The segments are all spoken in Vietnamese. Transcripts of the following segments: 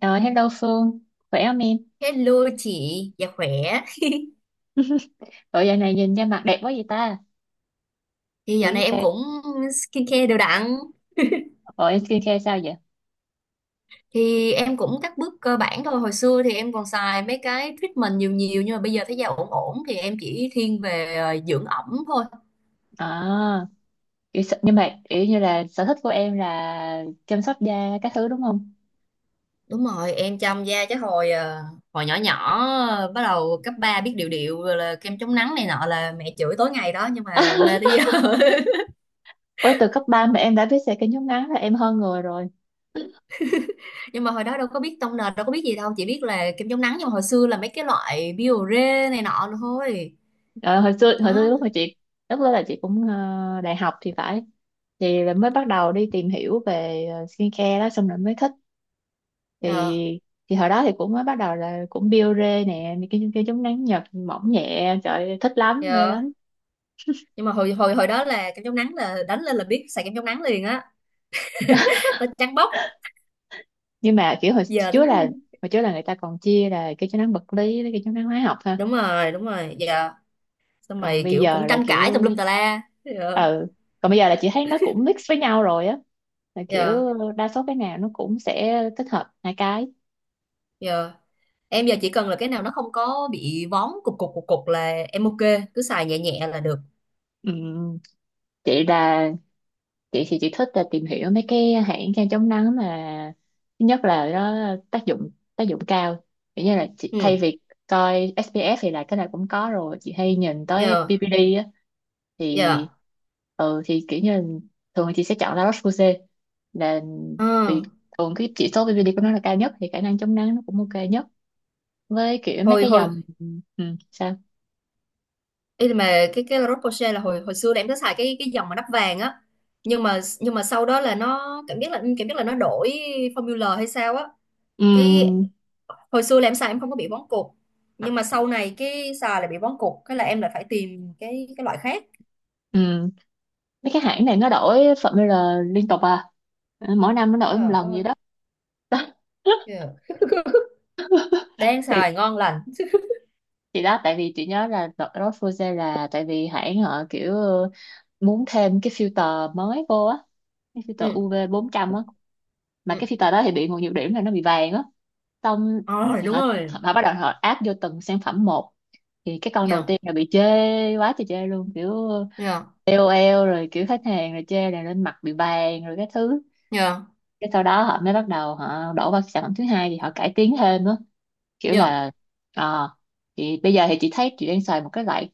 Ờ, Hello Phương, khỏe không em? Hello chị, dạ khỏe. Bộ giờ này nhìn ra mặt đẹp quá vậy ta? Thì Bữa dạo này em giờ, cũng skincare đều đặn. bộ em skincare sao vậy? Thì em cũng các bước cơ bản thôi. Hồi xưa thì em còn xài mấy cái treatment nhiều nhiều nhưng mà bây giờ thấy da ổn ổn thì em chỉ thiên về dưỡng ẩm thôi. À, nhưng mà kiểu như là sở thích của em là chăm sóc da các thứ đúng không? Đúng rồi, em chăm da chứ hồi nhỏ nhỏ ờ, bắt đầu cấp 3 biết điều điệu rồi là kem chống nắng này nọ là mẹ chửi tối ngày đó nhưng mà mê tới giờ. Ủa, từ cấp ba mà em đã biết xẻ cái nhún ngắn là em hơn người rồi. Nhưng mà hồi đó đâu có biết tông nền, đâu có biết gì đâu, chỉ biết là kem chống nắng nhưng mà hồi xưa là mấy cái loại Biore này nọ thôi. Ờ, Hồi xưa Đó. Lúc đó là chị cũng đại học thì phải. Thì là mới bắt đầu đi tìm hiểu về skincare đó xong rồi mới thích. thì Ờ. thì hồi đó thì cũng mới bắt đầu là cũng biore nè, mấy cái chống nắng Nhật mỏng nhẹ, trời ơi, thích lắm mê Dạ. lắm. Nhưng mà hồi hồi hồi đó là kem chống nắng là đánh lên là biết xài kem chống nắng liền á. Nó trắng bóc. Nhưng mà kiểu Giờ đúng hồi trước là người ta còn chia là cái chống nắng vật lý với cái chống nắng hóa học, ha? đúng rồi, đúng rồi. Giờ xong còn rồi bây kiểu giờ cũng là tranh cãi tùm kiểu lum tà la. Dạ. ừ Còn bây giờ là chị thấy nó cũng mix với nhau rồi á, là kiểu Dạ. đa số cái nào nó cũng sẽ tích hợp hai cái. Dạ. Em giờ chỉ cần là cái nào nó không có bị vón cục cục cục cục là em ok, cứ xài nhẹ nhẹ là được. Ừ. chị là chị thì chị thích là tìm hiểu mấy cái hãng kem chống nắng mà thứ nhất là nó tác dụng tác dụng cao, kiểu như là chị, Ừ. thay vì coi SPF thì là cái này cũng có rồi, chị hay nhìn tới Dạ. PPD á. thì Dạ. Thì kiểu như là thường chị sẽ chọn La Roche-Posay, là vì Ừ. thường cái chỉ số PPD của nó là cao nhất thì khả năng chống nắng nó cũng ok nhất, với kiểu mấy Hồi cái hồi dòng. ừ, Sao? ý là mà cái La Roche-Posay là hồi hồi xưa là em có xài cái dòng mà nắp vàng á. Nhưng mà sau đó là nó cảm giác là nó đổi formula hay sao á cái ừ, hồi xưa là em xài em không có bị vón cục nhưng mà sau này cái xài lại bị vón cục cái là em lại phải tìm cái loại khác. ừ, Mấy cái hãng này nó đổi formula liên tục à? Ừ, mỗi năm nó đổi một Trời lần gì ơi đó. kìa. Đang thì xài ngon lành. thì đó, tại vì chị nhớ là đợt đó Fuse là tại vì hãng họ kiểu muốn thêm cái filter mới vô á, cái filter Ừ. UV trăm á, mà Ừ. cái filter đó thì bị một nhược điểm là nó bị vàng á. Xong Ờ, thì đúng họ rồi. họ bắt đầu họ áp vô từng sản phẩm một, thì cái con đầu Nhờ tiên là bị chê quá trời chê luôn, kiểu nhờ KOL rồi kiểu khách hàng rồi chê là lên mặt bị vàng, rồi cái thứ nhờ cái sau đó họ mới bắt đầu họ đổ vào sản phẩm thứ hai thì họ cải tiến thêm á, kiểu nhờ là ờ thì bây giờ thì chị thấy chị đang xài một cái loại,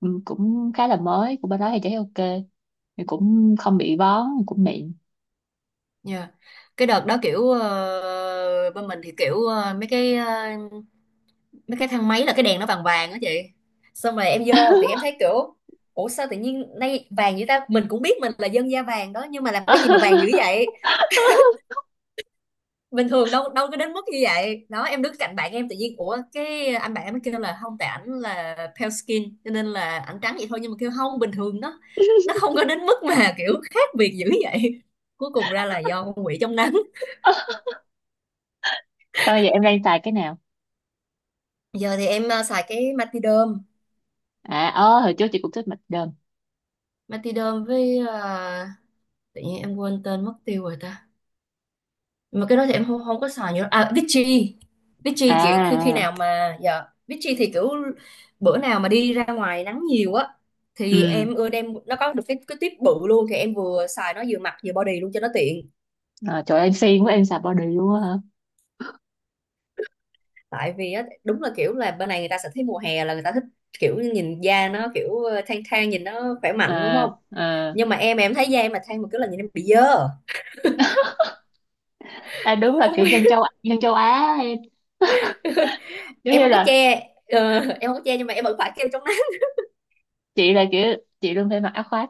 cũng khá là mới của bên đó, thì chị thấy ok, thì cũng không bị bón, cũng mịn. nhờ cái đợt đó kiểu bên mình thì kiểu mấy cái mấy cái thang máy là cái đèn nó vàng vàng đó chị. Xong rồi em vô thì em thấy kiểu ủa sao tự nhiên nay vàng vậy ta, mình cũng biết mình là dân da vàng đó nhưng mà làm cái gì mà vàng dữ vậy. Bình thường đâu đâu có đến mức như vậy đó, em đứng cạnh bạn em tự nhiên ủa, cái anh bạn em mới kêu là không, tại ảnh là pale skin cho nên là ảnh trắng vậy thôi nhưng mà kêu không bình thường nó không có đến mức mà kiểu khác biệt dữ vậy. Cuối cùng ra là do con quỷ trong nắng. Sao bây giờ em đang xài cái nào? Giờ thì em xài cái Matiderm. Ơ, hồi trước chị cũng thích mạch đơn. Matiderm với tự nhiên em quên tên mất tiêu rồi ta, mà cái đó thì em không không có xài nhiều, à Vichy. À, Vichy kiểu khi khi nào mà dạ Vichy thì kiểu bữa nào mà đi ra ngoài nắng nhiều á thì ừ. em ưa đem nó, có được cái tiếp bự luôn thì em vừa xài nó vừa mặt vừa body luôn cho nó tiện. Trời ơi, em siêng quá, em xài body luôn á hả? Tại vì á đúng là kiểu là bên này người ta sẽ thấy mùa hè là người ta thích kiểu nhìn da nó kiểu thang thang nhìn nó khỏe mạnh đúng À, không. à. Nhưng mà em thấy da em mà thang một cái là nhìn em bị dơ. À đúng là Không kiểu biết, dân châu Á em, giống em như không có là che. Ờ, em không có che nhưng mà em vẫn phải kêu chống nắng. chị, là kiểu chị luôn phải mặc áo khoác,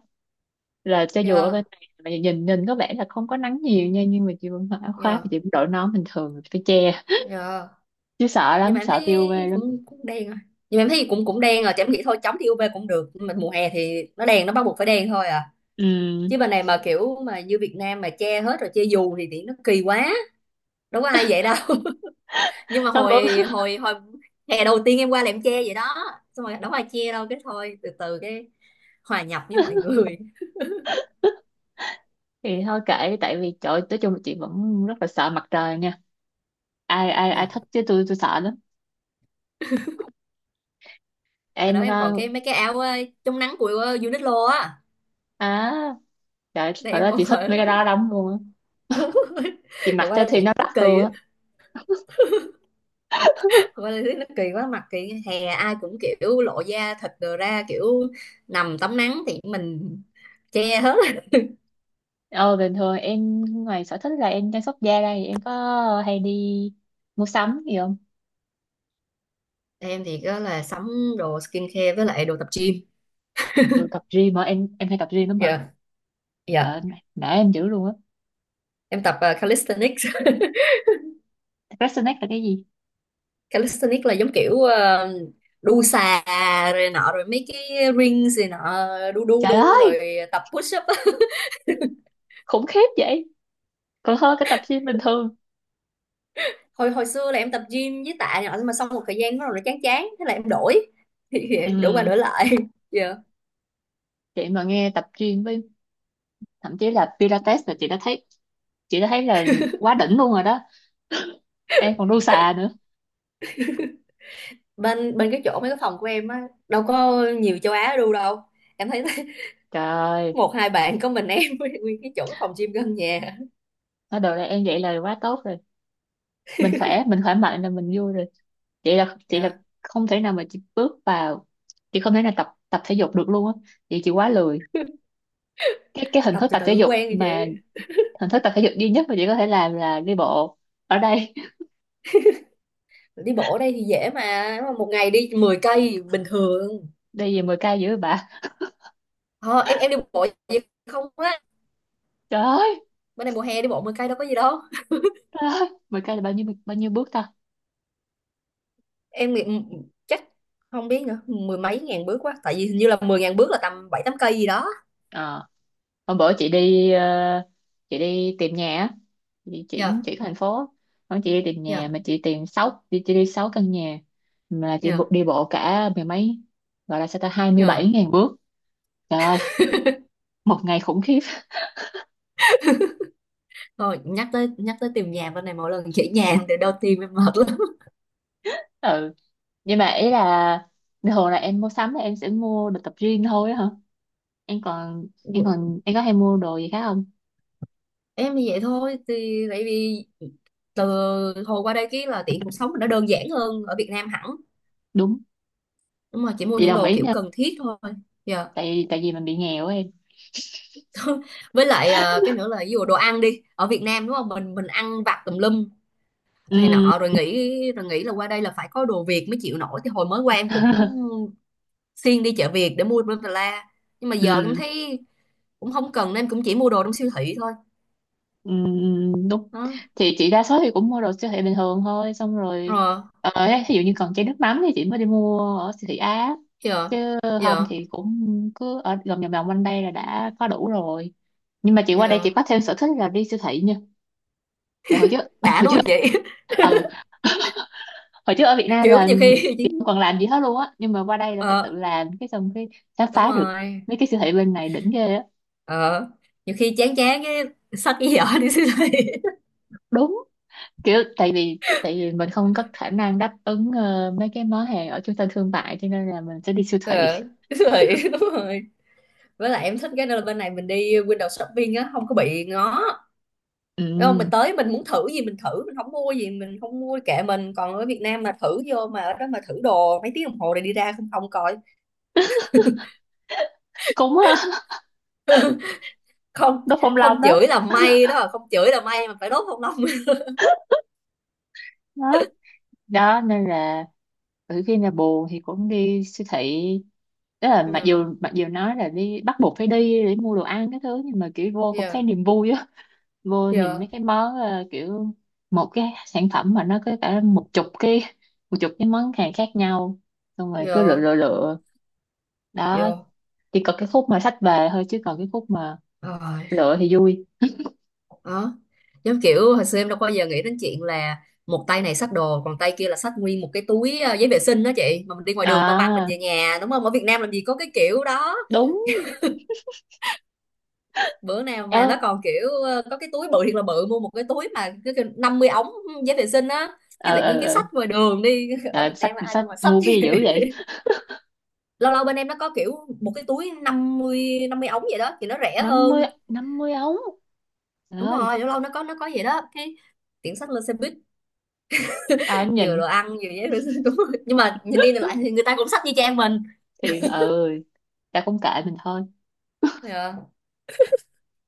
là cho dù ở bên Dạ. này mà nhìn nhìn có vẻ là không có nắng nhiều nha, nhưng mà chị vẫn mặc áo khoác và Dạ. chị vẫn đội nón bình thường rồi phải che. Dạ. Chứ sợ Nhưng mà lắm, em sợ tiêu thấy UV lắm. cũng cũng đen rồi. Nhưng mà em thấy cũng cũng đen rồi thì em nghĩ thôi chống thì UV cũng được nhưng mà mùa hè thì nó đen, nó bắt buộc phải đen thôi à. Ừ, Chứ bên này mà kiểu mà như Việt Nam mà che hết rồi che dù thì nó kỳ quá, đâu có ai vậy đâu. Nhưng mà hôm bữa. hồi hồi hồi hè đầu tiên em qua là em che vậy đó, xong rồi đâu có ai che đâu cái thôi từ từ cái hòa nhập với mọi người. Thì thôi kệ, tại vì trời ơi, nói chung là chị vẫn rất là sợ mặt trời nha. Ai ai ai Nha, thích chứ tôi sợ lắm. hồi Em đó em còn cái mấy cái áo chống nắng của Uniqlo á. à, trời, Đây hồi em đó còn chị thích mấy ở. cái đó lắm luôn á, Đúng rồi, chị rồi mặc qua cho đây thì tiện nó đắt nó kỳ luôn á. á. Qua đây thấy nó kỳ quá, mặt kỳ hè ai cũng kiểu lộ da thịt đồ ra, kiểu nằm tắm nắng thì mình che hết. Ờ Bình thường em ngoài sở thích là em chăm sóc da đây em có hay đi mua sắm gì không? Em thì có là sắm đồ skincare với lại đồ tập gym. Đồ tập gym hả em hay tập gym lắm hả? Dạ. Trời ơi, Dạ. nể em dữ luôn á. Em tập calisthenics. Resonate là cái gì? Calisthenics là giống kiểu đu xà rồi nọ rồi mấy cái rings rồi nọ, đu đu Trời đu ơi, rồi tập push up á. khủng khiếp vậy. Còn hơn cái tập gym bình thường. hồi hồi xưa là em tập gym với tạ nhỏ nhưng mà xong một thời gian nó rồi nó chán chán thế là em đổi, thì đổi qua Ừ, đổi lại. Dạ. chị mà nghe tập gym với thậm chí là Pilates là chị đã thấy, chị đã thấy là quá đỉnh luôn rồi đó. Em còn đu xà nữa. Bên bên cái chỗ mấy cái phòng của em á đâu có nhiều châu Á đu đâu, em thấy Trời ơi, một hai bạn có mình em với nguyên cái chỗ cái phòng gym gần nhà. nói đồ này em vậy là quá tốt rồi. Mình khỏe mạnh là mình vui rồi. Chị là Dạ. không thể nào mà chị bước vào, chị không thể nào tập tập thể dục được luôn á. Chị quá lười. Cái hình Tập thức từ tập thể từ dục quen rồi chị. mà hình thức tập thể dục duy nhất mà chị có thể làm là đi bộ ở đây. Đi bộ ở đây thì dễ mà, nếu mà một ngày đi 10 cây bình thường. Đi về 10 cây dữ vậy bà? Ờ, em đi bộ vậy không á, Trời ơi, bên này mùa hè đi bộ 10 cây đâu có gì đâu. trời ơi, 10k là bao nhiêu bước ta? em nghĩ- Chắc không biết nữa, mười mấy ngàn bước quá, tại vì hình như là 10 ngàn bước là tầm bảy tám cây gì đó. ờ Hôm bữa chị đi chị đi tìm nhà á, chị chuyển Dạ. chuyển thành phố. Hôm chị đi tìm nhà Dạ. mà chị đi sáu căn nhà, mà Dạ. Đi bộ cả mười mấy, gọi là sao ta, hai mươi bảy Dạ. ngàn bước Trời ơi, một ngày khủng khiếp. Thôi nhắc tới tìm nhà bên này mỗi lần chỉ nhà thì đau tim em mệt lắm. Ừ, nhưng mà ý là thường là em mua sắm là em sẽ mua đồ tập gym thôi á hả? Em còn em còn Em có hay mua đồ gì khác không? Em thì vậy thôi, thì tại vì từ hồi qua đây cái là tiện cuộc sống mình nó đơn giản hơn ở Việt Nam hẳn, Đúng, nhưng mà chỉ mua chị những đồng đồ ý kiểu nha, cần thiết thôi. Dạ. tại tại vì mình bị nghèo á em. Với lại cái nữa là ví dụ đồ ăn đi, ở Việt Nam đúng không, mình ăn vặt tùm lum này Ừ. nọ rồi nghĩ là qua đây là phải có đồ Việt mới chịu nổi, thì hồi mới qua em cũng xuyên đi chợ Việt để mua bla bla bla. Nhưng mà giờ em ừ, thấy cũng không cần nên cũng chỉ mua đồ trong siêu thị thôi. ừ, đúng. Đó Thì chị đa số thì cũng mua đồ siêu thị bình thường thôi, xong rồi rồi. Ấy, ví dụ như còn chai nước mắm thì chị mới đi mua ở siêu thị Á, giờ chứ không giờ thì cũng cứ ở vòng vòng vòng quanh đây là đã có đủ rồi. Nhưng mà chị qua đây giờ chị có thêm sở thích là đi siêu thị nha. Dạ, hồi trước. đã đúng không chị. ừ Hồi trước ở Việt Nam Kiểu là nhiều khi chị chỉ- không còn làm gì hết luôn á, nhưng mà qua đây là phải tự ờ làm, cái xong cái khám đúng phá được rồi. mấy cái siêu thị bên này đỉnh ghê á. Ờ nhiều khi chán chán cái xách cái giỏ đi siêu thị. Đúng, kiểu tại vì mình không có khả năng đáp ứng mấy cái món hàng ở trung tâm thương mại, cho nên là mình sẽ đi siêu thị. Ờ siêu thị. Đúng rồi, với lại em thích cái đó là bên này mình đi window shopping á không có bị ngó. Đúng không, ừ, mình tới mình muốn thử gì mình thử, mình không mua gì mình không mua kệ mình, còn ở Việt Nam mà thử vô mà ở đó mà thử đồ mấy tiếng đồng hồ rồi đi ra không không coi, Cũng không đốt phong long không đó. chửi là may đó, không chửi là may mà phải đốt không lông. Đó, đó nên là khi nào buồn thì cũng đi siêu thị. Đó là, mặc Yeah. dù nói là đi bắt buộc phải đi để mua đồ ăn cái thứ, nhưng mà kiểu vô cũng Yeah. thấy niềm vui á. Vô nhìn mấy cái món kiểu một cái sản phẩm mà nó có cả một chục cái món hàng khác nhau, xong rồi cứ lựa Yeah. lựa lựa. Đó, chỉ có cái khúc mà xách về thôi chứ còn cái khúc mà Yeah. lựa thì vui. Đó, giống kiểu hồi xưa em đâu bao giờ nghĩ đến chuyện là một tay này xách đồ còn tay kia là xách nguyên một cái túi giấy vệ sinh đó chị, mà mình đi ngoài đường băng băng mình À, về nhà đúng không, ở Việt Nam làm gì có cái kiểu đó. đúng. Bữa nào ờ mà nó còn kiểu có cái túi bự thiệt là bự, mua một cái túi mà cứ kiểu 50 ống giấy vệ sinh á, cái tự nhiên cái ờ. xách ngoài đường đi. Ở Trời Việt ơi, xách Nam ai xách đâu mà xách mua chứ. cái gì dữ vậy? Lâu lâu bên em nó có kiểu một cái túi năm mươi ống vậy đó thì nó rẻ hơn. 50 ống? Trời Đúng ơi, rồi, lâu lâu nó có vậy đó, cái tiện xách lên xe buýt, ai cũng vừa nhìn. đồ ăn vừa giấy vệ sinh. Đúng rồi. Nhưng mà nhìn đi nhìn lại thì người ta cũng sách như trang mình. Thì ừ, ta cũng kệ mình thôi, Yeah,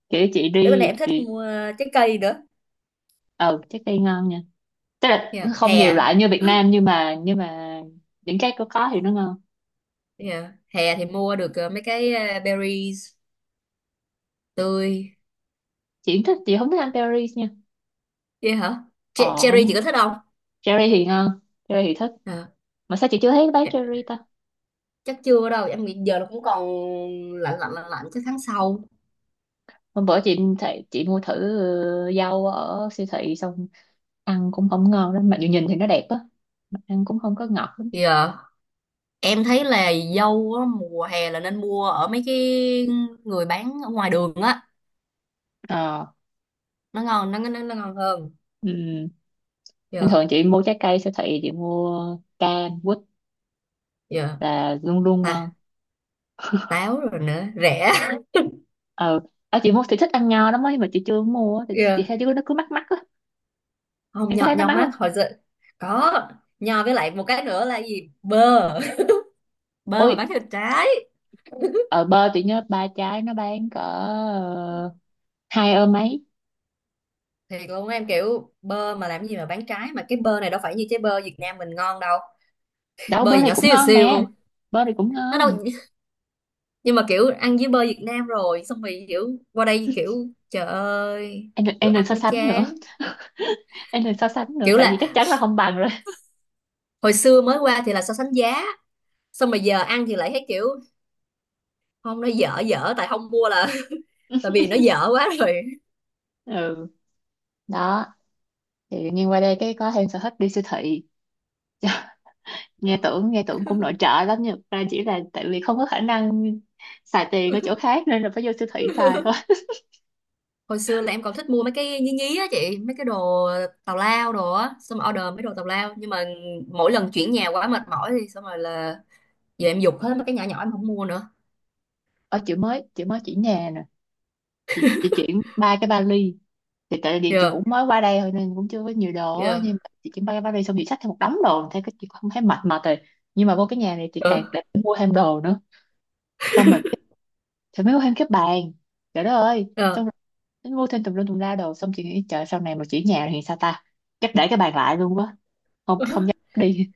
kiểu chị tới bên này đi em thích thì mua trái cây nữa. ừ, trái cây ngon nha. Tức là nó Yeah, không nhiều hè. loại như Việt Nam, nhưng mà những cái có thì nó ngon. Yeah, hè thì mua được mấy cái berries tươi. Chị không thích ăn berries nha. Vậy hả? Che- Ờ cherry chị không, có thích không? cherry thì ngon, cherry thì thích, Ờ. mà sao chị chưa thấy bán Dạ. cherry ta? Chắc chưa đâu em nghĩ, giờ nó cũng còn lạnh lạnh lạnh lạnh, chắc tháng sau. Hôm bữa chị thấy chị mua thử rau ở siêu thị, xong ăn cũng không ngon lắm, mặc dù nhìn thì nó đẹp á, mà ăn cũng không có ngọt lắm. Yeah, em thấy là dâu á, mùa hè là nên mua ở mấy cái người bán ở ngoài đường á, ờ nó ngon nó nó ngon hơn. ừ. Bình Dạ. thường chị mua trái cây siêu thị chị mua cam quýt Yeah. là luôn luôn ngon. Ta, táo rồi nữa rẻ. ờ Ở chị mua thì thích ăn nho lắm ấy, mà chị chưa mua á, thì chị thấy đứa nó cứ mắc mắc á. Không, Em có nho thấy nó nho mắc mắc không? hồi xưa. Có, nho với lại một cái nữa là gì, bơ. Bơ Ôi, mà bán thịt trái. ở bơ chị nhớ ba trái nó bán cỡ hai ơ mấy. Thiệt luôn, em kiểu bơ mà làm gì mà bán trái, mà cái bơ này đâu phải như trái bơ Việt Nam mình ngon đâu. Đâu, Bơ bơ gì này nhỏ cũng xíu ngon xíu, mà, bơ này cũng nó đâu. ngon Nhưng mà kiểu ăn với bơ Việt Nam rồi xong rồi kiểu qua đây kiểu trời ơi, kiểu em đừng ăn so nó sánh nữa, chán. Kiểu tại vì là chắc chắn là không bằng rồi. hồi xưa mới qua thì là so sánh giá, xong mà giờ ăn thì lại thấy kiểu không nó dở dở, tại không mua là tại vì nó dở quá rồi. Ừ, đó. Thì nhưng qua đây cái có thêm sở thích đi siêu thị, nghe tưởng cũng nội trợ lắm nhưng ra chỉ là tại vì không có khả năng xài tiền ở chỗ khác nên là phải vô siêu thị xài thôi. Hồi xưa là em còn thích mua mấy cái nhí nhí á chị, mấy cái đồ tào lao đồ á, xong rồi order mấy đồ tào lao, nhưng mà mỗi lần chuyển nhà quá mệt mỏi thì xong rồi là giờ em giục hết mấy cái nhỏ nhỏ em không mua nữa. Ở chị mới chuyển nhà nè, chị chuyển ba cái vali. Thì tại vì chị Yeah. cũng mới qua đây thôi nên cũng chưa có nhiều đồ á, Yeah. nhưng mà chị chuyển ba cái vali xong chị xách thêm một đống đồ thế cái chị không thấy mệt mệt rồi. Nhưng mà vô cái nhà này chị càng Ờ. lại phải mua thêm đồ nữa, xong rồi thì mới mua thêm cái bàn, trời đất ơi. Xong Ờ. tính vô thêm tùm lum tùm la đồ, xong chị nghĩ trời sau này mà chuyển nhà thì sao ta? Chắc để cái bàn lại luôn quá, không không dám đi.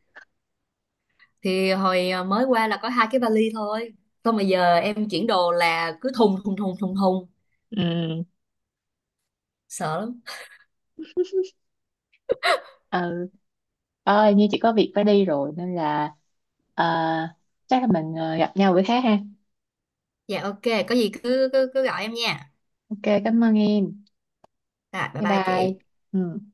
Thì mới qua là có hai cái vali thôi, xong rồi giờ em chuyển đồ là cứ thùng thùng thùng thùng thùng, Ừ. sợ lắm. Ừ, ơi như chị có việc phải đi rồi nên là ờ, chắc là mình gặp nhau bữa khác ha? Dạ ok, có gì cứ cứ, cứ gọi em nha. Ok, cảm ơn em. Rồi bye Bye bye bye. chị. Ừ.